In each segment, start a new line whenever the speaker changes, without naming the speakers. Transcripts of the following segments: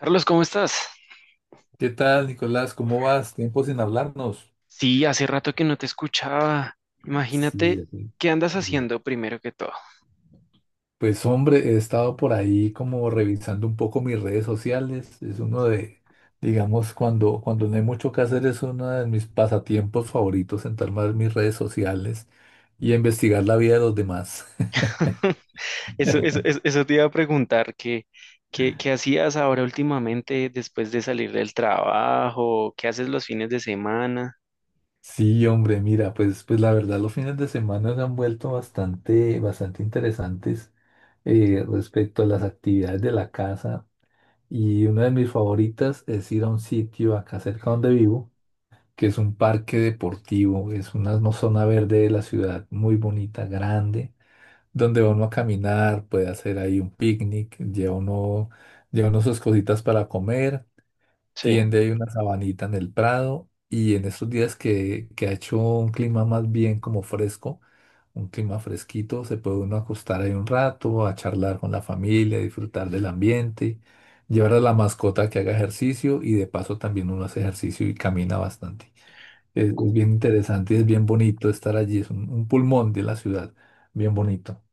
Carlos, ¿cómo estás?
¿Qué tal, Nicolás? ¿Cómo vas? Tiempo sin hablarnos.
Sí, hace rato que no te escuchaba.
Sí,
Imagínate,
de acuerdo.
¿qué andas
Eh,
haciendo primero que todo?
Pues hombre, he estado por ahí como revisando un poco mis redes sociales. Es uno de, digamos, cuando no hay mucho que hacer, es uno de mis pasatiempos favoritos, sentarme a ver mis redes sociales y investigar la vida de los demás.
Eso, eso, eso, eso te iba a preguntar, ¿qué hacías ahora últimamente después de salir del trabajo? ¿Qué haces los fines de semana?
Sí, hombre, mira, pues la verdad los fines de semana se han vuelto bastante, bastante interesantes respecto a las actividades de la casa. Y una de mis favoritas es ir a un sitio acá cerca donde vivo, que es un parque deportivo, es una zona verde de la ciudad muy bonita, grande, donde va uno a caminar, puede hacer ahí un picnic, lleva uno sus cositas para comer,
Sí.
tiende ahí una sabanita en el prado y en estos días que ha hecho un clima más bien como fresco, un clima fresquito, se puede uno acostar ahí un rato, a charlar con la familia, disfrutar del ambiente, llevar a la mascota que haga ejercicio y de paso también uno hace ejercicio y camina bastante. Es bien interesante y es bien bonito estar allí, es un pulmón de la ciudad, bien bonito.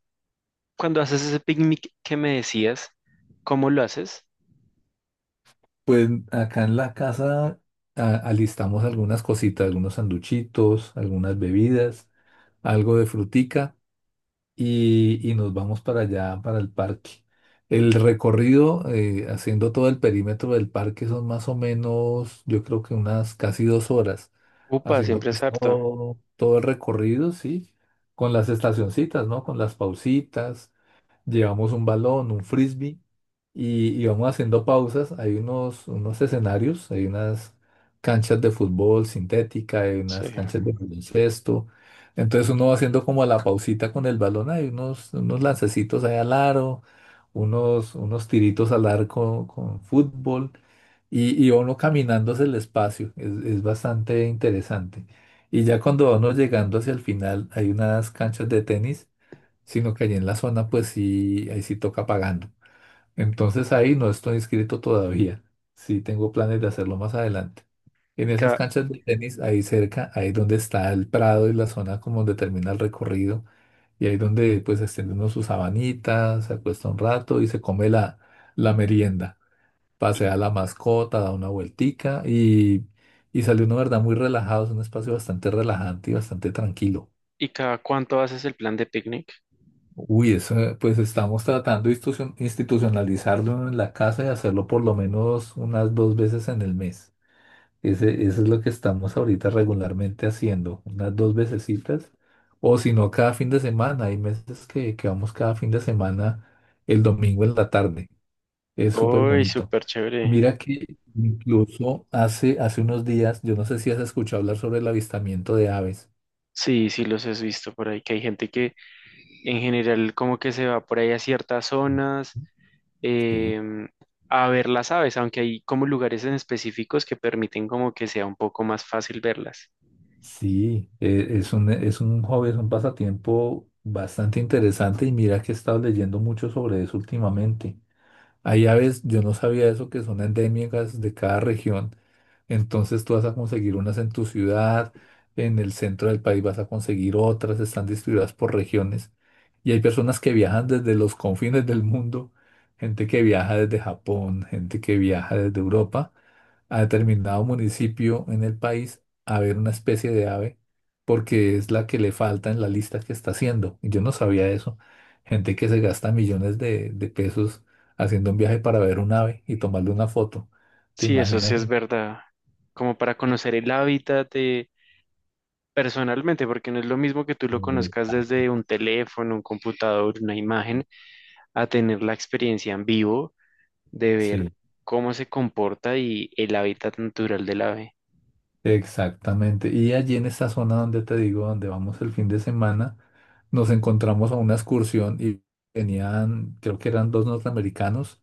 Cuando haces ese picnic que me decías, ¿cómo lo haces?
Pues acá en la casa alistamos algunas cositas, algunos sanduchitos, algunas bebidas, algo de frutica. Y nos vamos para allá, para el parque. El recorrido, haciendo todo el perímetro del parque, son más o menos, yo creo que unas casi 2 horas,
Upa,
haciendo
siempre es
pues
harto.
todo, todo el recorrido, ¿sí? Con las estacioncitas, ¿no? Con las pausitas, llevamos un balón, un frisbee, y vamos haciendo pausas. Hay unos escenarios, hay unas canchas de fútbol sintética, hay
Sí.
unas canchas de baloncesto. Entonces uno va haciendo como la pausita con el balón, hay unos lancecitos ahí al aro, unos tiritos al arco con fútbol y uno caminando hacia el espacio. Es bastante interesante. Y ya cuando vamos llegando hacia el final, hay unas canchas de tenis, sino que allí en la zona, pues sí, ahí sí toca pagando. Entonces ahí no estoy inscrito todavía. Sí tengo planes de hacerlo más adelante. En
¿Y
esas
cada,
canchas de tenis, ahí cerca, ahí donde está el prado y la zona como donde termina el recorrido, y ahí donde pues extiende uno sus sabanitas, se acuesta un rato y se come la, la merienda.
y,
Pasea a la mascota, da una vueltica y sale uno, ¿verdad? Muy relajado. Es un espacio bastante relajante y bastante tranquilo.
y cada cuánto haces el plan de picnic?
Uy, eso, pues estamos tratando de institucionalizarlo en la casa y hacerlo por lo menos unas dos veces en el mes. Eso es lo que estamos ahorita regularmente haciendo, unas dos vecesitas, o si no, cada fin de semana. Hay meses que vamos cada fin de semana el domingo en la tarde. Es súper
Uy,
bonito.
súper chévere.
Mira que incluso hace unos días, yo no sé si has escuchado hablar sobre el avistamiento de aves.
Sí, sí los has visto por ahí, que hay gente que en general como que se va por ahí a ciertas zonas
Sí.
em, a ver las aves, aunque hay como lugares en específicos que permiten como que sea un poco más fácil verlas.
Sí, es un hobby, es un pasatiempo bastante interesante y mira que he estado leyendo mucho sobre eso últimamente. Hay aves, yo no sabía eso, que son endémicas de cada región, entonces tú vas a conseguir unas en tu ciudad, en el centro del país vas a conseguir otras, están distribuidas por regiones. Y hay personas que viajan desde los confines del mundo, gente que viaja desde Japón, gente que viaja desde Europa a determinado municipio en el país a ver una especie de ave porque es la que le falta en la lista que está haciendo. Y yo no sabía eso. Gente que se gasta millones de pesos haciendo un viaje para ver un ave y tomarle una foto. ¿Te
Sí, eso sí
imaginas?
es verdad, como para conocer el hábitat de- personalmente, porque no es lo mismo que tú lo conozcas
Exacto.
desde un teléfono, un computador, una imagen, a tener la experiencia en vivo de ver
Sí,
cómo se comporta y el hábitat natural del ave.
exactamente. Y allí en esa zona donde te digo, donde vamos el fin de semana, nos encontramos a una excursión y venían, creo que eran dos norteamericanos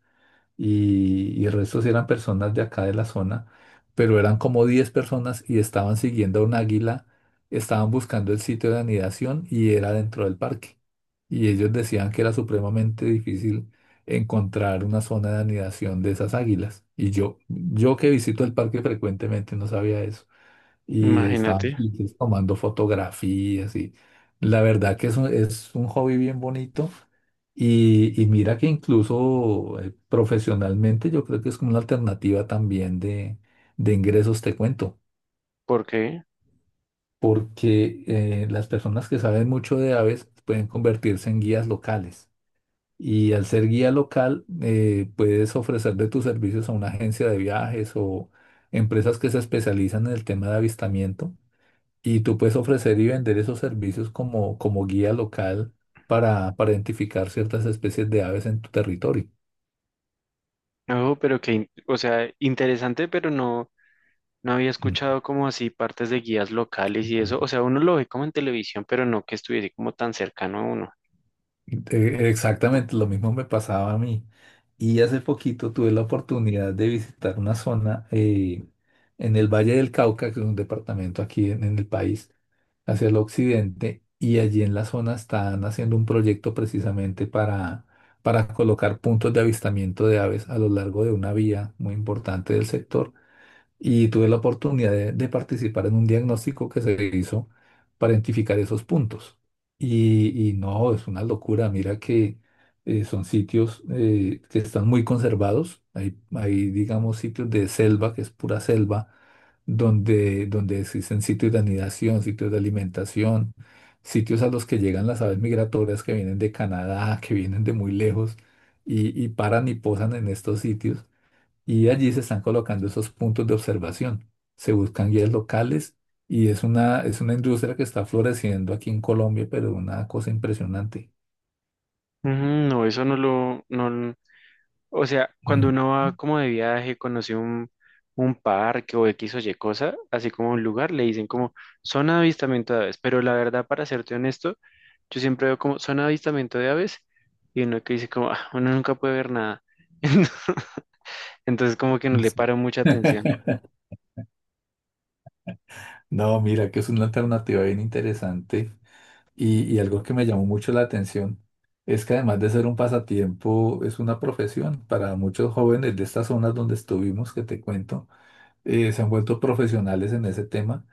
y el resto sí eran personas de acá de la zona, pero eran como 10 personas y estaban siguiendo a un águila, estaban buscando el sitio de anidación y era dentro del parque. Y ellos decían que era supremamente difícil encontrar una zona de anidación de esas águilas. Y yo que visito el parque frecuentemente no sabía eso. Y
Imagínate.
estábamos entonces tomando fotografías y la verdad que es un hobby bien bonito. Y mira que incluso profesionalmente yo creo que es como una alternativa también de ingresos, te cuento,
¿Por qué?
porque las personas que saben mucho de aves pueden convertirse en guías locales. Y al ser guía local, puedes ofrecer de tus servicios a una agencia de viajes o empresas que se especializan en el tema de avistamiento. Y tú puedes ofrecer y vender esos servicios como guía local para identificar ciertas especies de aves en tu territorio.
No, pero que, in- o sea, interesante, pero no, no había
Mm.
escuchado como así partes de guías locales y eso. O sea, uno lo ve como en televisión, pero no que estuviese como tan cercano a uno.
Exactamente, lo mismo me pasaba a mí. Y hace poquito tuve la oportunidad de visitar una zona en el Valle del Cauca, que es un departamento aquí en el país, hacia el occidente y allí en la zona están haciendo un proyecto precisamente para colocar puntos de avistamiento de aves a lo largo de una vía muy importante del sector y tuve la oportunidad de participar en un diagnóstico que se hizo para identificar esos puntos. Y no, es una locura. Mira que son sitios que están muy conservados. Hay, digamos, sitios de selva, que es pura selva, donde, donde existen sitios de anidación, sitios de alimentación, sitios a los que llegan las aves migratorias que vienen de Canadá, que vienen de muy lejos y paran y posan en estos sitios y allí se están colocando esos puntos de observación. Se buscan guías locales y es una industria que está floreciendo aquí en Colombia, pero una cosa impresionante.
Ujú. No, eso no lo, no, l- o sea, cuando
Mm.
uno va como de viaje, conoce un parque o X o Y cosa, así como un lugar, le dicen como zona de avistamiento de aves, pero la verdad, para serte honesto, yo siempre veo como zona de avistamiento de aves y uno que dice como, "Ah, uno nunca puede ver nada". Entonces como que no le
Sí.
paro mucha atención.
No, mira que es una alternativa bien interesante y algo que me llamó mucho la atención es que además de ser un pasatiempo, es una profesión. Para muchos jóvenes de estas zonas donde estuvimos, que te cuento, se han vuelto profesionales en ese tema.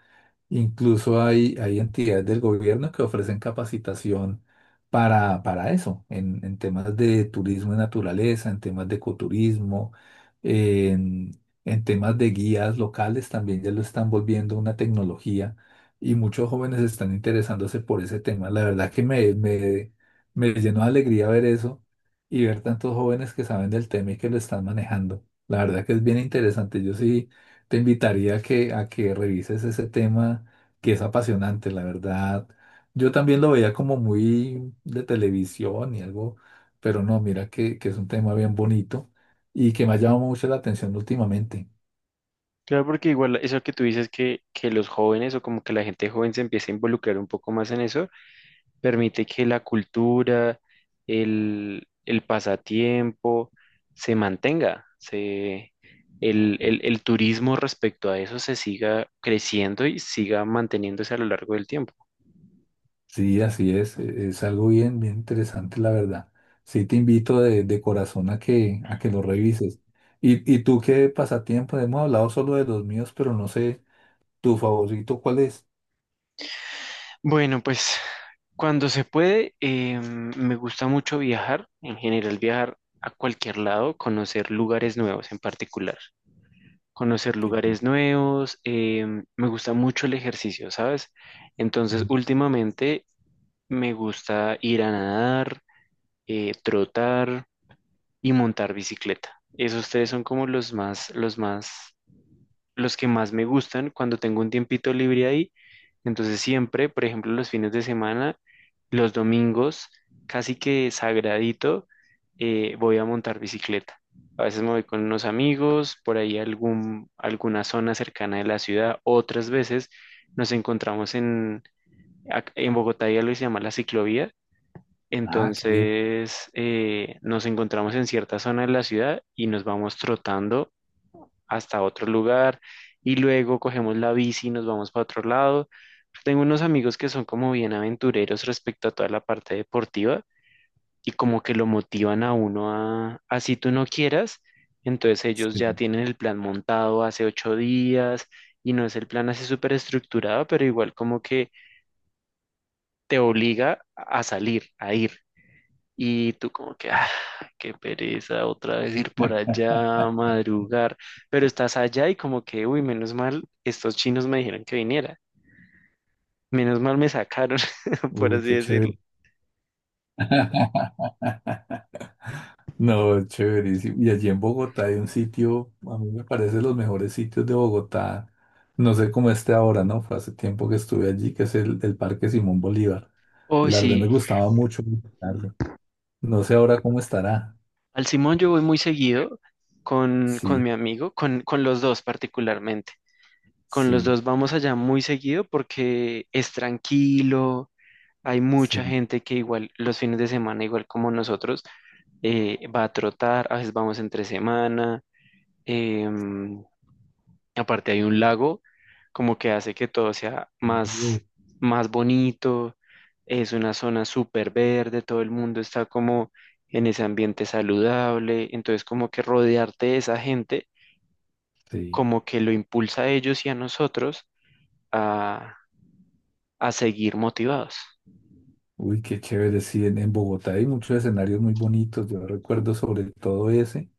Incluso hay, hay entidades del gobierno que ofrecen capacitación para eso, en temas de turismo y naturaleza, en temas de ecoturismo, en, en temas de guías locales, también ya lo están volviendo una tecnología y muchos jóvenes están interesándose por ese tema. La verdad que me llenó de alegría ver eso y ver tantos jóvenes que saben del tema y que lo están manejando. La verdad que es bien interesante. Yo sí te invitaría a que revises ese tema que es apasionante, la verdad. Yo también lo veía como muy de televisión y algo, pero no, mira que es un tema bien bonito y que me ha llamado mucho la atención últimamente.
Claro, porque igual eso que tú dices que los jóvenes o como que la gente joven se empiece a involucrar un poco más en eso, permite que la cultura, el pasatiempo se mantenga, se, el turismo respecto a eso se siga creciendo y siga manteniéndose a lo largo del tiempo.
Sí, así es, es algo bien, bien interesante, la verdad. Sí, te invito de corazón a que lo revises. ¿Y tú qué pasatiempo? Hemos hablado solo de los míos, pero no sé, ¿tu favorito cuál es?
Bueno, pues cuando se puede, me gusta mucho viajar, en general viajar a cualquier lado, conocer lugares nuevos en particular. Conocer
Que-
lugares nuevos, me gusta mucho el ejercicio, ¿sabes? Entonces, últimamente me gusta ir a nadar, trotar y montar bicicleta. Esos tres son como los más, los que más me gustan cuando tengo un tiempito libre ahí. Entonces siempre, por ejemplo, los fines de semana, los domingos, casi que sagradito, voy a montar bicicleta. A veces me voy con unos amigos, por ahí a algún, alguna zona cercana de la ciudad. Otras veces nos encontramos en, ac- en Bogotá, hay algo que se llama la ciclovía.
Ah, qué bien.
Entonces nos encontramos en cierta zona de la ciudad y nos vamos trotando hasta otro lugar y luego cogemos la bici y nos vamos para otro lado. Tengo unos amigos que son como bien aventureros respecto a toda la parte deportiva y como que lo motivan a uno a, así tú no quieras. Entonces ellos ya
Sí.
tienen el plan montado hace ocho días y no es el plan así súper estructurado, pero igual como que te obliga a salir, a ir. Y tú como que, ah, qué pereza otra vez ir por allá, madrugar, pero estás allá y como que, uy, menos mal, estos chinos me dijeron que viniera, menos mal me sacaron, por
Uy,
así
qué
decirlo.
chévere. No, es chéverísimo. Y allí en Bogotá hay un sitio, a mí me parece los mejores sitios de Bogotá. No sé cómo esté ahora, ¿no? Fue hace tiempo que estuve allí, que es el Parque Simón Bolívar.
Uy,
La verdad me
sí,
gustaba mucho visitarlo. No sé ahora cómo estará.
al Simón yo voy muy seguido con
Sí,
mi amigo, con los dos particularmente. Con los
sí,
dos vamos allá muy seguido porque es tranquilo, hay mucha
sí.
gente que igual los fines de semana, igual como nosotros, va a trotar, a veces vamos entre semana. Em, Aparte hay un lago, como que hace que todo sea más,
Uy,
más bonito. Es una zona súper verde, todo el mundo está como en ese ambiente saludable. Entonces, como que rodearte de esa gente,
sí.
como que lo impulsa a ellos y a nosotros a, a seguir motivados.
Uy, qué chévere. Sí, en Bogotá hay muchos escenarios muy bonitos. Yo recuerdo sobre todo ese.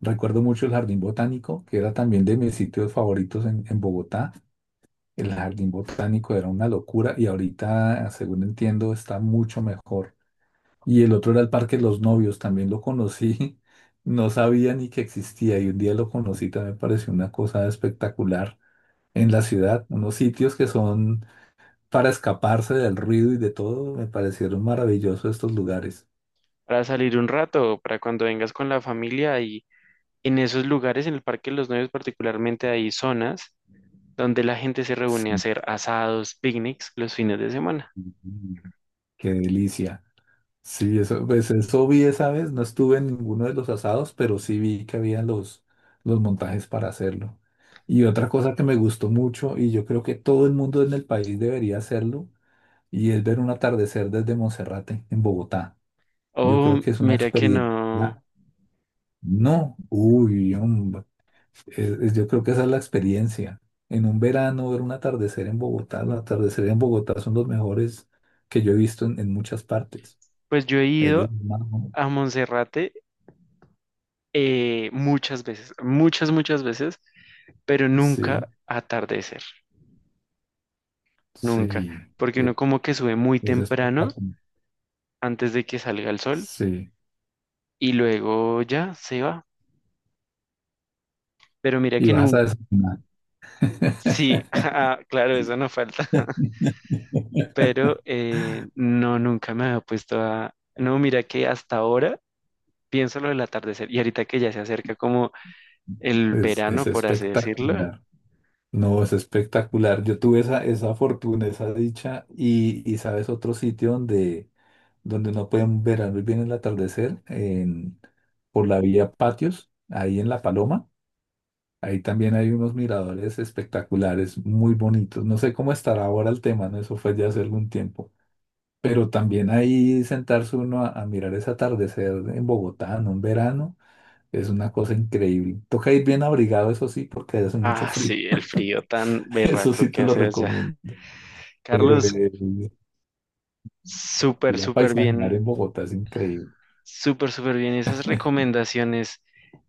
Recuerdo mucho el Jardín Botánico, que era también de mis sitios favoritos en Bogotá. El jardín botánico era una locura y ahorita, según entiendo, está mucho mejor. Y el otro era el Parque de los Novios, también lo conocí, no sabía ni que existía y un día lo conocí, también me pareció una cosa espectacular en la ciudad. Unos sitios que son para escaparse del ruido y de todo, me parecieron maravillosos estos lugares.
Para salir un rato, para cuando vengas con la familia y en esos lugares, en el Parque de los Novios particularmente, hay zonas donde la gente se reúne a
Sí,
hacer asados, picnics los fines de semana.
qué delicia. Sí, eso, pues eso vi esa vez, no estuve en ninguno de los asados, pero sí vi que había los montajes para hacerlo. Y otra cosa que me gustó mucho, y yo creo que todo el mundo en el país debería hacerlo, y es ver un atardecer desde Monserrate, en Bogotá. Yo
Oh,
creo que es una
mira que
experiencia.
no.
No, uy, hombre, yo creo que esa es la experiencia. En un verano ver un atardecer en Bogotá, los atardeceres en Bogotá son los mejores que yo he visto en muchas partes.
Pues yo he
Es del
ido
mar, ¿no?
a Monserrate muchas veces, muchas veces, pero
Sí.
nunca a atardecer, nunca,
Sí,
porque uno
e-
como que sube muy
es
temprano
espectacular.
antes de que salga el sol
Sí,
y luego ya se va. Pero mira
y
que
vas a
nunca,
desayunar.
sí, ah, claro, eso no falta, pero no, nunca me había puesto a... No, mira que hasta ahora pienso lo del atardecer. Y ahorita que ya se acerca como el
Es
verano, por así decirlo.
espectacular. No, es espectacular. Yo tuve esa, esa fortuna, esa dicha, y sabes, otro sitio donde, donde uno puede ver muy bien el atardecer, en, por la vía Patios, ahí en La Paloma. Ahí también hay unos miradores espectaculares, muy bonitos. No sé cómo estará ahora el tema, ¿no? Eso fue ya hace algún tiempo. Pero también ahí sentarse uno a mirar ese atardecer en Bogotá en un verano es una cosa increíble. Toca ir bien abrigado, eso sí, porque hace mucho
Ah,
frío.
sí, el frío tan
Eso
berraco
sí
que
te lo
hace allá.
recomiendo. Pero
Carlos, súper,
ir a
súper bien,
paisajear en Bogotá es increíble.
súper bien. Esas recomendaciones.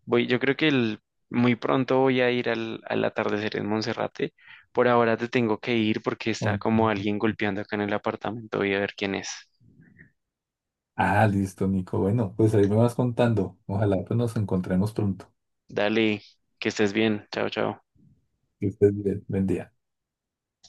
Voy, yo creo que el- muy pronto voy a ir al, al atardecer en Monserrate. Por ahora te tengo que ir porque está
Um,
como alguien golpeando acá en el apartamento. Voy a ver quién es.
Ah, listo, Nico. Bueno, pues ahí me vas contando. Ojalá pues, nos encontremos pronto.
Dale, que estés bien. Chao, chao.
Que estés bien. Buen día.